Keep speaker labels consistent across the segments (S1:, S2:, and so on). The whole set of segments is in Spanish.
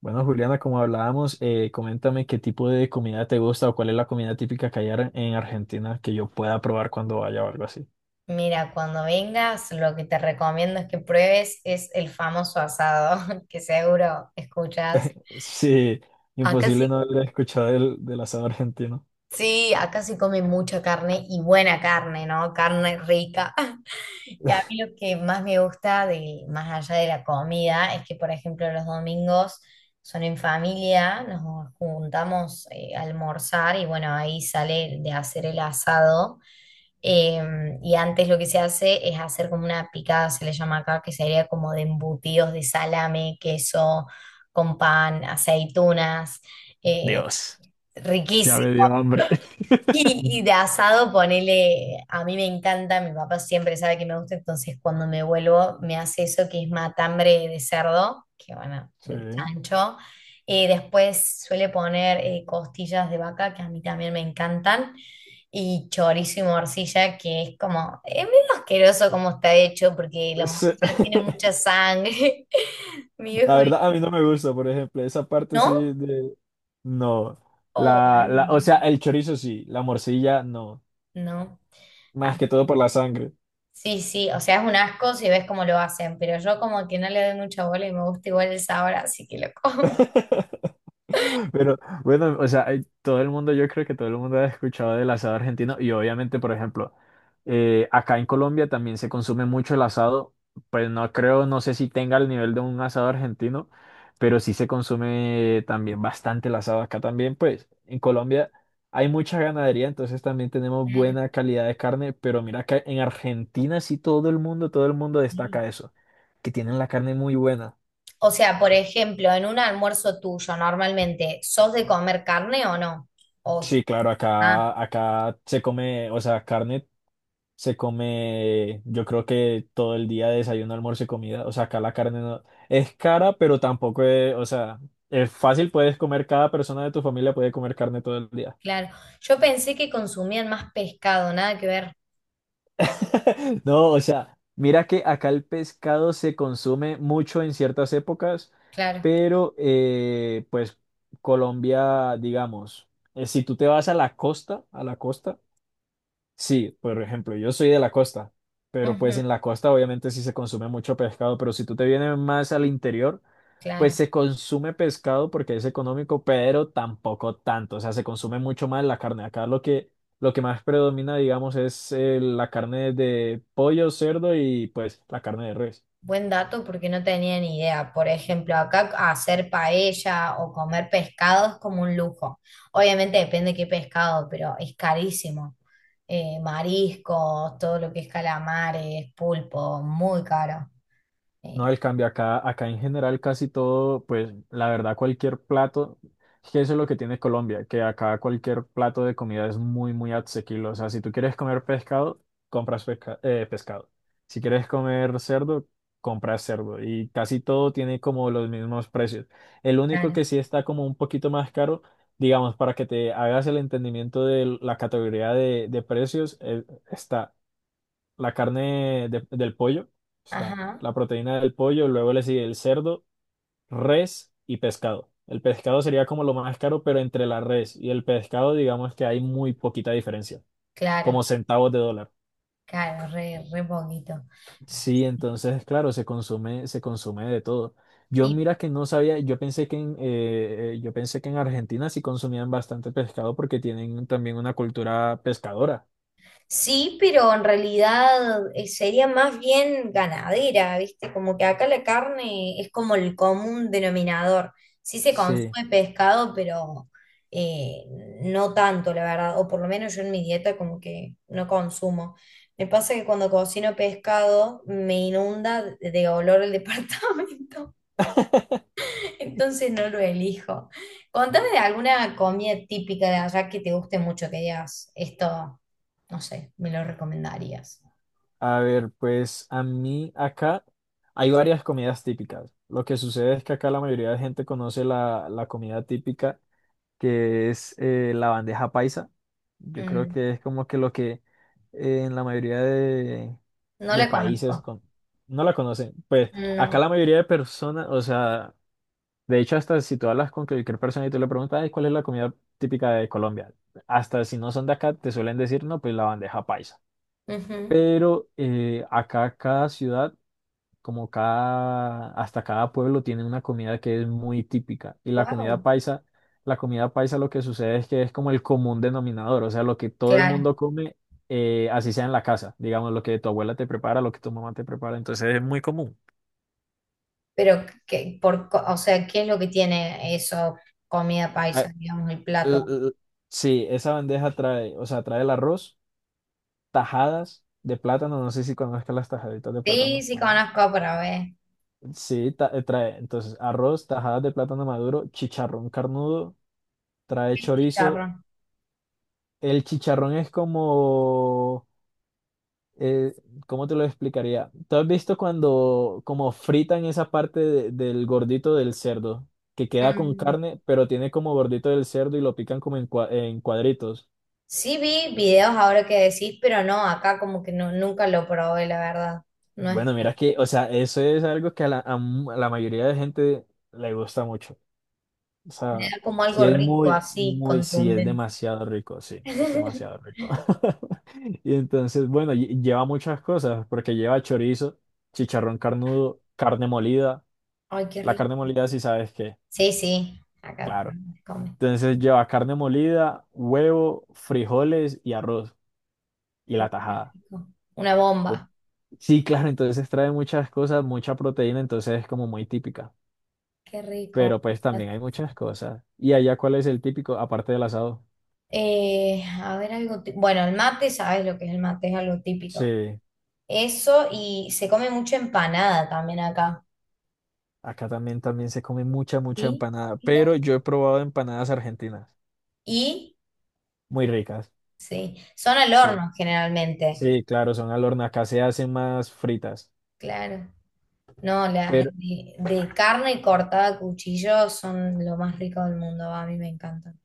S1: Bueno, Juliana, como hablábamos, coméntame qué tipo de comida te gusta o cuál es la comida típica que hay en Argentina que yo pueda probar cuando vaya o algo así.
S2: Mira, cuando vengas, lo que te recomiendo es que pruebes es el famoso asado, que seguro escuchas.
S1: Sí,
S2: Acá
S1: imposible
S2: sí,
S1: no haber escuchado del asado argentino.
S2: sí, acá se come mucha carne y buena carne, ¿no? Carne rica. Y a mí lo que más me gusta de, más allá de la comida es que, por ejemplo, los domingos son en familia, nos juntamos a almorzar y bueno, ahí sale de hacer el asado. Y antes lo que se hace es hacer como una picada, se le llama acá, que sería como de embutidos de salame, queso, con pan, aceitunas, eh,
S1: Dios, ya
S2: riquísimo.
S1: me dio hambre.
S2: Y de asado, ponele, a mí me encanta, mi papá siempre sabe que me gusta, entonces cuando me vuelvo me hace eso que es matambre de cerdo, que bueno,
S1: Sí.
S2: del chancho. Después suele poner costillas de vaca, que a mí también me encantan, y chorizo y morcilla, que es como, es medio asqueroso como está hecho, porque la
S1: Sí.
S2: morcilla tiene mucha sangre. Mi viejo
S1: La verdad, a mí
S2: dice,
S1: no me gusta, por ejemplo, esa parte sí
S2: ¿no?
S1: No,
S2: Oh,
S1: la, o sea, el chorizo sí, la morcilla no,
S2: no.
S1: más
S2: Ah.
S1: que todo por la sangre.
S2: Sí, sí, o sea, es un asco si ves cómo lo hacen, pero yo como que no le doy mucha bola y me gusta igual el sabor, así que lo como.
S1: Pero bueno, o sea, todo el mundo, yo creo que todo el mundo ha escuchado del asado argentino y obviamente, por ejemplo, acá en Colombia también se consume mucho el asado, pues no creo, no sé si tenga el nivel de un asado argentino, pero sí se consume también bastante el asado acá también, pues en Colombia hay mucha ganadería, entonces también tenemos
S2: Claro,
S1: buena calidad de carne, pero mira que en Argentina sí todo el mundo
S2: sí.
S1: destaca eso, que tienen la carne muy buena.
S2: O sea, por ejemplo, en un almuerzo tuyo, normalmente, ¿sos de comer carne o no? O,
S1: Sí, claro,
S2: ah,
S1: acá se come, o sea, carne. Se come, yo creo que todo el día desayuno, almuerzo y comida. O sea, acá la carne no es cara, pero tampoco es, o sea, es fácil, puedes comer, cada persona de tu familia puede comer carne todo el día.
S2: claro. Yo pensé que consumían más pescado, nada que ver.
S1: No, o sea, mira que acá el pescado se consume mucho en ciertas épocas,
S2: Claro.
S1: pero pues Colombia, digamos, si tú te vas a la costa, Sí, por ejemplo, yo soy de la costa, pero pues
S2: Ujú,
S1: en la costa obviamente sí se consume mucho pescado, pero si tú te vienes más al interior, pues
S2: claro.
S1: se consume pescado porque es económico, pero tampoco tanto, o sea, se consume mucho más la carne. Acá lo que más predomina, digamos, es la carne de pollo, cerdo y pues la carne de res.
S2: Buen dato porque no tenía ni idea. Por ejemplo, acá hacer paella o comer pescado es como un lujo. Obviamente depende de qué pescado, pero es carísimo. Mariscos, todo lo que es calamares, pulpo, muy caro.
S1: No,
S2: Eh,
S1: el cambio acá, acá en general casi todo, pues la verdad cualquier plato, es que eso es lo que tiene Colombia, que acá cualquier plato de comida es muy, muy asequible. O sea, si tú quieres comer pescado, compras pescado. Si quieres comer cerdo, compras cerdo. Y casi todo tiene como los mismos precios. El único
S2: claro,
S1: que sí está como un poquito más caro, digamos, para que te hagas el entendimiento de la categoría de precios, está la carne del pollo, está
S2: ajá,
S1: la proteína del pollo, luego le sigue el cerdo, res y pescado. El pescado sería como lo más caro, pero entre la res y el pescado, digamos que hay muy poquita diferencia,
S2: claro,
S1: como centavos de dólar.
S2: claro, re, re poquito.
S1: Sí, entonces, claro, se consume de todo. Yo mira que no sabía, yo pensé que en Argentina sí consumían bastante pescado porque tienen también una cultura pescadora.
S2: Sí, pero en realidad sería más bien ganadera, ¿viste? Como que acá la carne es como el común denominador. Sí se
S1: Sí.
S2: consume pescado, pero eh, no tanto, la verdad. O por lo menos yo en mi dieta como que no consumo. Me pasa que cuando cocino pescado me inunda de olor el departamento. Entonces no lo elijo. Contame de alguna comida típica de allá que te guste mucho, que digas, esto, no sé, me lo recomendarías.
S1: A ver, pues a mí acá hay varias comidas típicas. Lo que sucede es que acá la mayoría de gente conoce la comida típica, que es la bandeja paisa. Yo creo
S2: Mm,
S1: que es como que lo que en la mayoría de,
S2: no
S1: de
S2: la
S1: países
S2: conozco.
S1: no la conocen. Pues acá
S2: No.
S1: la mayoría de personas, o sea, de hecho hasta si tú hablas con cualquier persona y tú le preguntas, "Ay, ¿cuál es la comida típica de Colombia?" Hasta si no son de acá, te suelen decir, no, pues la bandeja paisa. Pero acá cada ciudad, como cada, hasta cada pueblo tiene una comida que es muy típica. Y la comida
S2: Wow.
S1: paisa, la comida paisa lo que sucede es que es como el común denominador, o sea, lo que todo el
S2: Claro.
S1: mundo come, así sea en la casa, digamos, lo que tu abuela te prepara, lo que tu mamá te prepara, entonces es muy común.
S2: Pero que, por, co- o sea, ¿qué es lo que tiene eso, comida
S1: Ah,
S2: paisa, digamos, el
S1: l-
S2: plato?
S1: l- sí, esa bandeja trae, o sea, trae el arroz, tajadas de plátano, no sé si conozcas las tajaditas de
S2: Sí,
S1: plátano.
S2: sí conozco, pero a ver.
S1: Sí, trae entonces arroz, tajadas de plátano maduro, chicharrón carnudo, trae
S2: El
S1: chorizo.
S2: chicharrón.
S1: El chicharrón es como, eh, ¿cómo te lo explicaría? ¿Tú has visto cuando como fritan esa parte del gordito del cerdo, que queda con
S2: Mm,
S1: carne, pero tiene como gordito del cerdo y lo pican como en, en cuadritos?
S2: Sí vi videos ahora que decís, pero no, acá como que no, nunca lo probé, la verdad. No es.
S1: Bueno, mira que, o sea, eso es algo que a la mayoría de gente le gusta mucho. O sea,
S2: Deja como
S1: sí
S2: algo
S1: es
S2: rico,
S1: muy,
S2: así,
S1: muy, sí es
S2: contundente.
S1: demasiado rico, sí, es demasiado rico. Y entonces, bueno, lleva muchas cosas, porque lleva chorizo, chicharrón carnudo, carne molida.
S2: Ay, qué
S1: La
S2: rico.
S1: carne molida, si sabes qué,
S2: Sí, sí, acá
S1: claro.
S2: se come.
S1: Entonces lleva carne molida, huevo, frijoles y arroz y la
S2: Oh, qué
S1: tajada.
S2: rico. Una
S1: Entonces,
S2: bomba.
S1: sí, claro, entonces trae muchas cosas, mucha proteína, entonces es como muy típica.
S2: Qué rico.
S1: Pero pues también hay muchas cosas. ¿Y allá cuál es el típico, aparte del asado?
S2: A ver, algo. Bueno, el mate, sabes lo que es el mate, es algo típico.
S1: Sí.
S2: Eso, y se come mucha empanada también acá.
S1: Acá también se come mucha, mucha
S2: ¿Y?
S1: empanada,
S2: Mira.
S1: pero yo he probado empanadas argentinas,
S2: Y,
S1: muy ricas.
S2: sí, son al
S1: Sí,
S2: horno generalmente.
S1: sí, claro, son al horno, acá se hacen más fritas.
S2: Claro. No, las
S1: Pero
S2: de, carne cortada a cuchillo son lo más rico del mundo, a mí me encantan.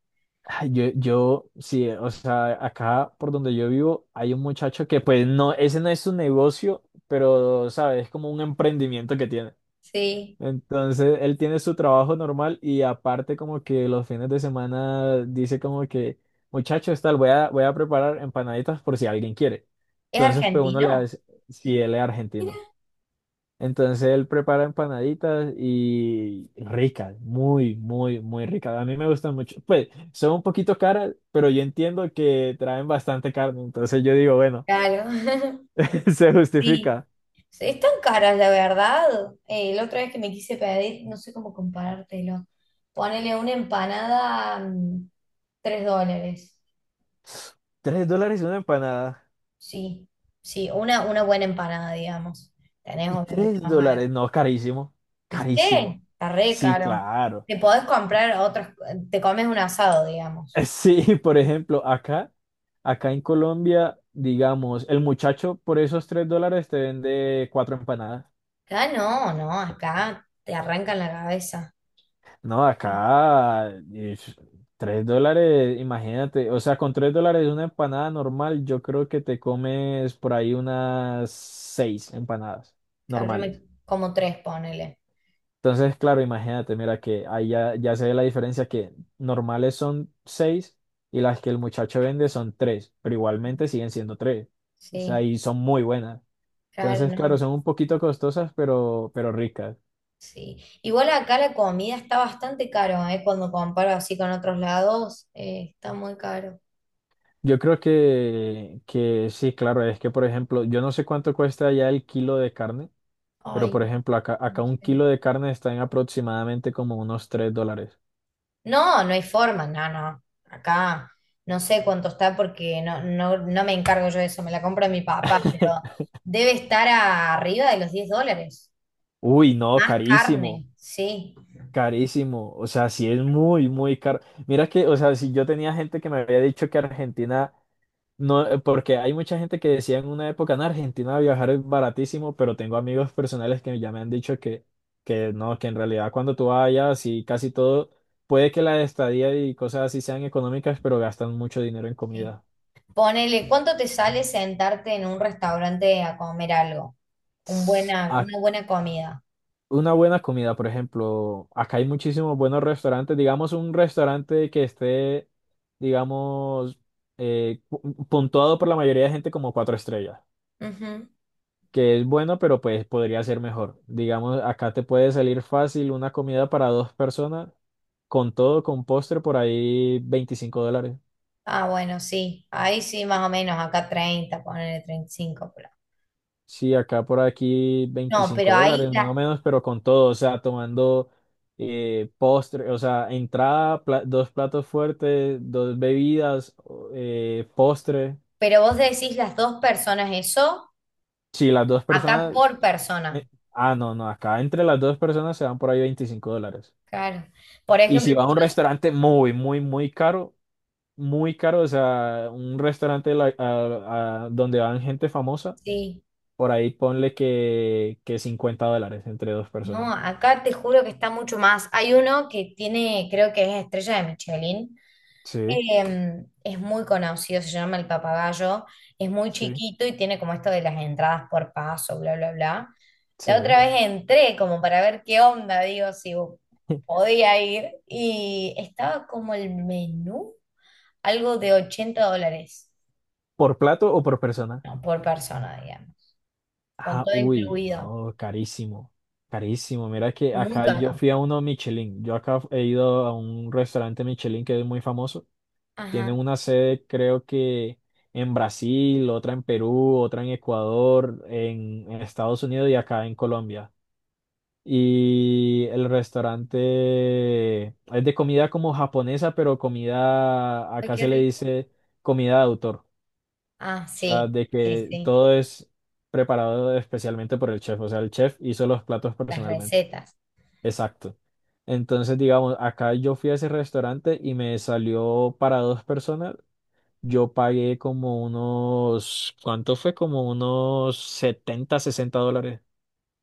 S1: ay, yo, sí, o sea, acá por donde yo vivo hay un muchacho que pues no, ese no es su negocio, pero, ¿sabes? Es como un emprendimiento que tiene.
S2: Sí.
S1: Entonces, él tiene su trabajo normal y aparte como que los fines de semana dice como que, muchachos, tal, voy a preparar empanaditas por si alguien quiere.
S2: ¿Es
S1: Entonces, pues uno le
S2: argentino?
S1: hace, si él es
S2: Mira.
S1: argentino. Entonces, él prepara empanaditas y ricas, muy, muy, muy ricas. A mí me gustan mucho. Pues, son un poquito caras, pero yo entiendo que traen bastante carne. Entonces, yo digo, bueno,
S2: Claro.
S1: se
S2: Sí.
S1: justifica.
S2: Están caras, la verdad. La otra vez que me quise pedir, no sé cómo comparártelo. Ponele una empanada, $3.
S1: $3 una empanada.
S2: Sí. Sí, una buena empanada, digamos. Tenés obviamente
S1: Tres
S2: más barato.
S1: dólares, no, carísimo,
S2: ¿Viste?
S1: carísimo.
S2: Está re
S1: Sí,
S2: caro.
S1: claro.
S2: Te podés comprar otros, te comes un asado, digamos.
S1: Sí, por ejemplo, acá en Colombia, digamos, el muchacho por esos $3 te vende cuatro empanadas.
S2: Acá no, no, acá te arrancan la cabeza.
S1: No,
S2: Sí.
S1: acá, ish, $3, imagínate, o sea, con $3 una empanada normal, yo creo que te comes por ahí unas seis empanadas
S2: Claro, yo me
S1: normales.
S2: como tres, ponele.
S1: Entonces, claro, imagínate, mira que ahí ya se ve la diferencia que normales son seis y las que el muchacho vende son tres, pero igualmente siguen siendo tres. O sea,
S2: Sí,
S1: y son muy buenas.
S2: claro,
S1: Entonces, claro,
S2: no.
S1: son un poquito costosas, pero ricas.
S2: Sí. Igual acá la comida está bastante caro, ¿eh? Cuando comparo así con otros lados, está muy caro.
S1: Yo creo que sí, claro, es que, por ejemplo, yo no sé cuánto cuesta ya el kilo de carne, pero,
S2: Ay,
S1: por ejemplo, acá,
S2: no
S1: acá un
S2: sé.
S1: kilo de carne está en aproximadamente como unos $3.
S2: No, no hay forma, no, no. Acá no sé cuánto está porque no me encargo yo de eso, me la compra mi papá, pero debe estar arriba de los $10.
S1: Uy, no,
S2: Más
S1: carísimo.
S2: carne, sí.
S1: Carísimo, o sea, sí es muy, muy caro. Mira que, o sea, si yo tenía gente que me había dicho que Argentina no, porque hay mucha gente que decía en una época, en Argentina viajar es baratísimo, pero tengo amigos personales que ya me han dicho que no, que en realidad cuando tú vayas y casi todo, puede que la estadía y cosas así sean económicas, pero gastan mucho dinero en
S2: Sí.
S1: comida.
S2: Ponele, ¿cuánto te sale sentarte en un restaurante a comer algo? Una buena comida.
S1: Una buena comida, por ejemplo, acá hay muchísimos buenos restaurantes, digamos un restaurante que esté, digamos, puntuado por la mayoría de gente como cuatro estrellas,
S2: Ujú.
S1: que es bueno, pero pues podría ser mejor. Digamos, acá te puede salir fácil una comida para dos personas, con todo, con postre, por ahí $25.
S2: Ah, bueno, sí. Ahí sí, más o menos, acá 30 ponele 35, pero...
S1: Sí, acá por aquí
S2: No,
S1: 25
S2: pero ahí,
S1: dólares más o menos, pero con todo, o sea, tomando postre, o sea, entrada, dos platos fuertes, dos bebidas, postre.
S2: pero vos decís las dos personas eso.
S1: Si las dos
S2: Acá
S1: personas,
S2: por persona,
S1: eh, ah, no, no, acá entre las dos personas se van por ahí $25.
S2: claro. Por
S1: Y
S2: ejemplo,
S1: si va a un restaurante muy, muy, muy caro, o sea, un restaurante donde van gente famosa,
S2: sí,
S1: por ahí ponle que $50 entre dos
S2: no,
S1: personas.
S2: acá te juro que está mucho más. Hay uno que tiene, creo que es estrella de Michelin.
S1: Sí,
S2: Em, es muy conocido, se llama El Papagayo. Es muy
S1: sí.
S2: chiquito y tiene como esto de las entradas por paso, bla, bla, bla.
S1: Sí.
S2: La otra vez entré como para ver qué onda, digo, si podía ir. Y estaba como el menú, algo de $80,
S1: ¿Por plato o por persona?
S2: no, por persona, digamos. Con
S1: Ah,
S2: todo
S1: uy,
S2: incluido.
S1: no, carísimo. Carísimo. Mira que
S2: Muy
S1: acá yo
S2: caro.
S1: fui a uno Michelin. Yo acá he ido a un restaurante Michelin que es muy famoso. Tienen
S2: Ajá.
S1: una sede, creo que en Brasil, otra en Perú, otra en Ecuador, en Estados Unidos y acá en Colombia. Y el restaurante es de comida como japonesa, pero comida,
S2: Ay,
S1: acá
S2: qué
S1: se le
S2: rico.
S1: dice comida de autor.
S2: Ah,
S1: O sea,
S2: sí,
S1: de
S2: sí,
S1: que
S2: sí.
S1: todo es preparado especialmente por el chef. O sea, el chef hizo los platos
S2: Las
S1: personalmente.
S2: recetas.
S1: Exacto. Entonces, digamos, acá yo fui a ese restaurante y me salió para dos personas. Yo pagué como unos, ¿cuánto fue? Como unos 70 60 dólares.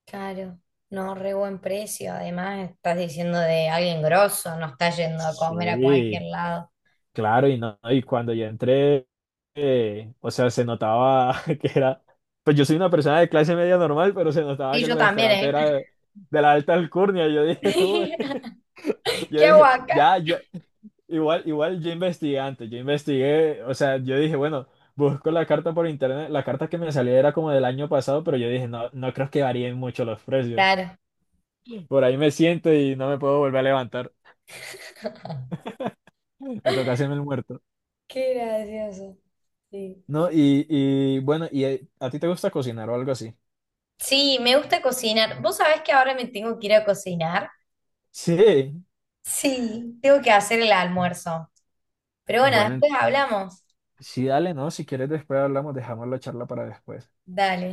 S2: Claro. No, re buen precio. Además, estás diciendo de alguien grosso, no estás yendo a comer a cualquier
S1: Sí,
S2: lado.
S1: claro, y no, y cuando yo entré, o sea, se notaba que era, pues yo soy una persona de clase media normal, pero se notaba
S2: Y
S1: que el
S2: yo
S1: restaurante
S2: también,
S1: era de la alta alcurnia. Yo dije, uy,
S2: ¿eh?
S1: yo
S2: ¿Qué hago
S1: dije,
S2: acá?
S1: ya, ya, igual, igual yo investigué antes, yo investigué, o sea, yo dije, bueno, busco la carta por internet, la carta que me salía era como del año pasado, pero yo dije, no, no creo que varíen mucho los precios.
S2: Claro.
S1: Por ahí me siento y no me puedo volver a levantar. Me toca hacerme el muerto.
S2: Qué gracioso. Sí.
S1: ¿No? Y bueno, ¿y a ti te gusta cocinar o algo así?
S2: Sí, me gusta cocinar. ¿Vos sabés que ahora me tengo que ir a cocinar?
S1: Sí.
S2: Sí, tengo que hacer el almuerzo. Pero bueno,
S1: Bueno,
S2: después hablamos.
S1: sí, dale, ¿no? Si quieres después hablamos, dejamos la charla para después.
S2: Dale.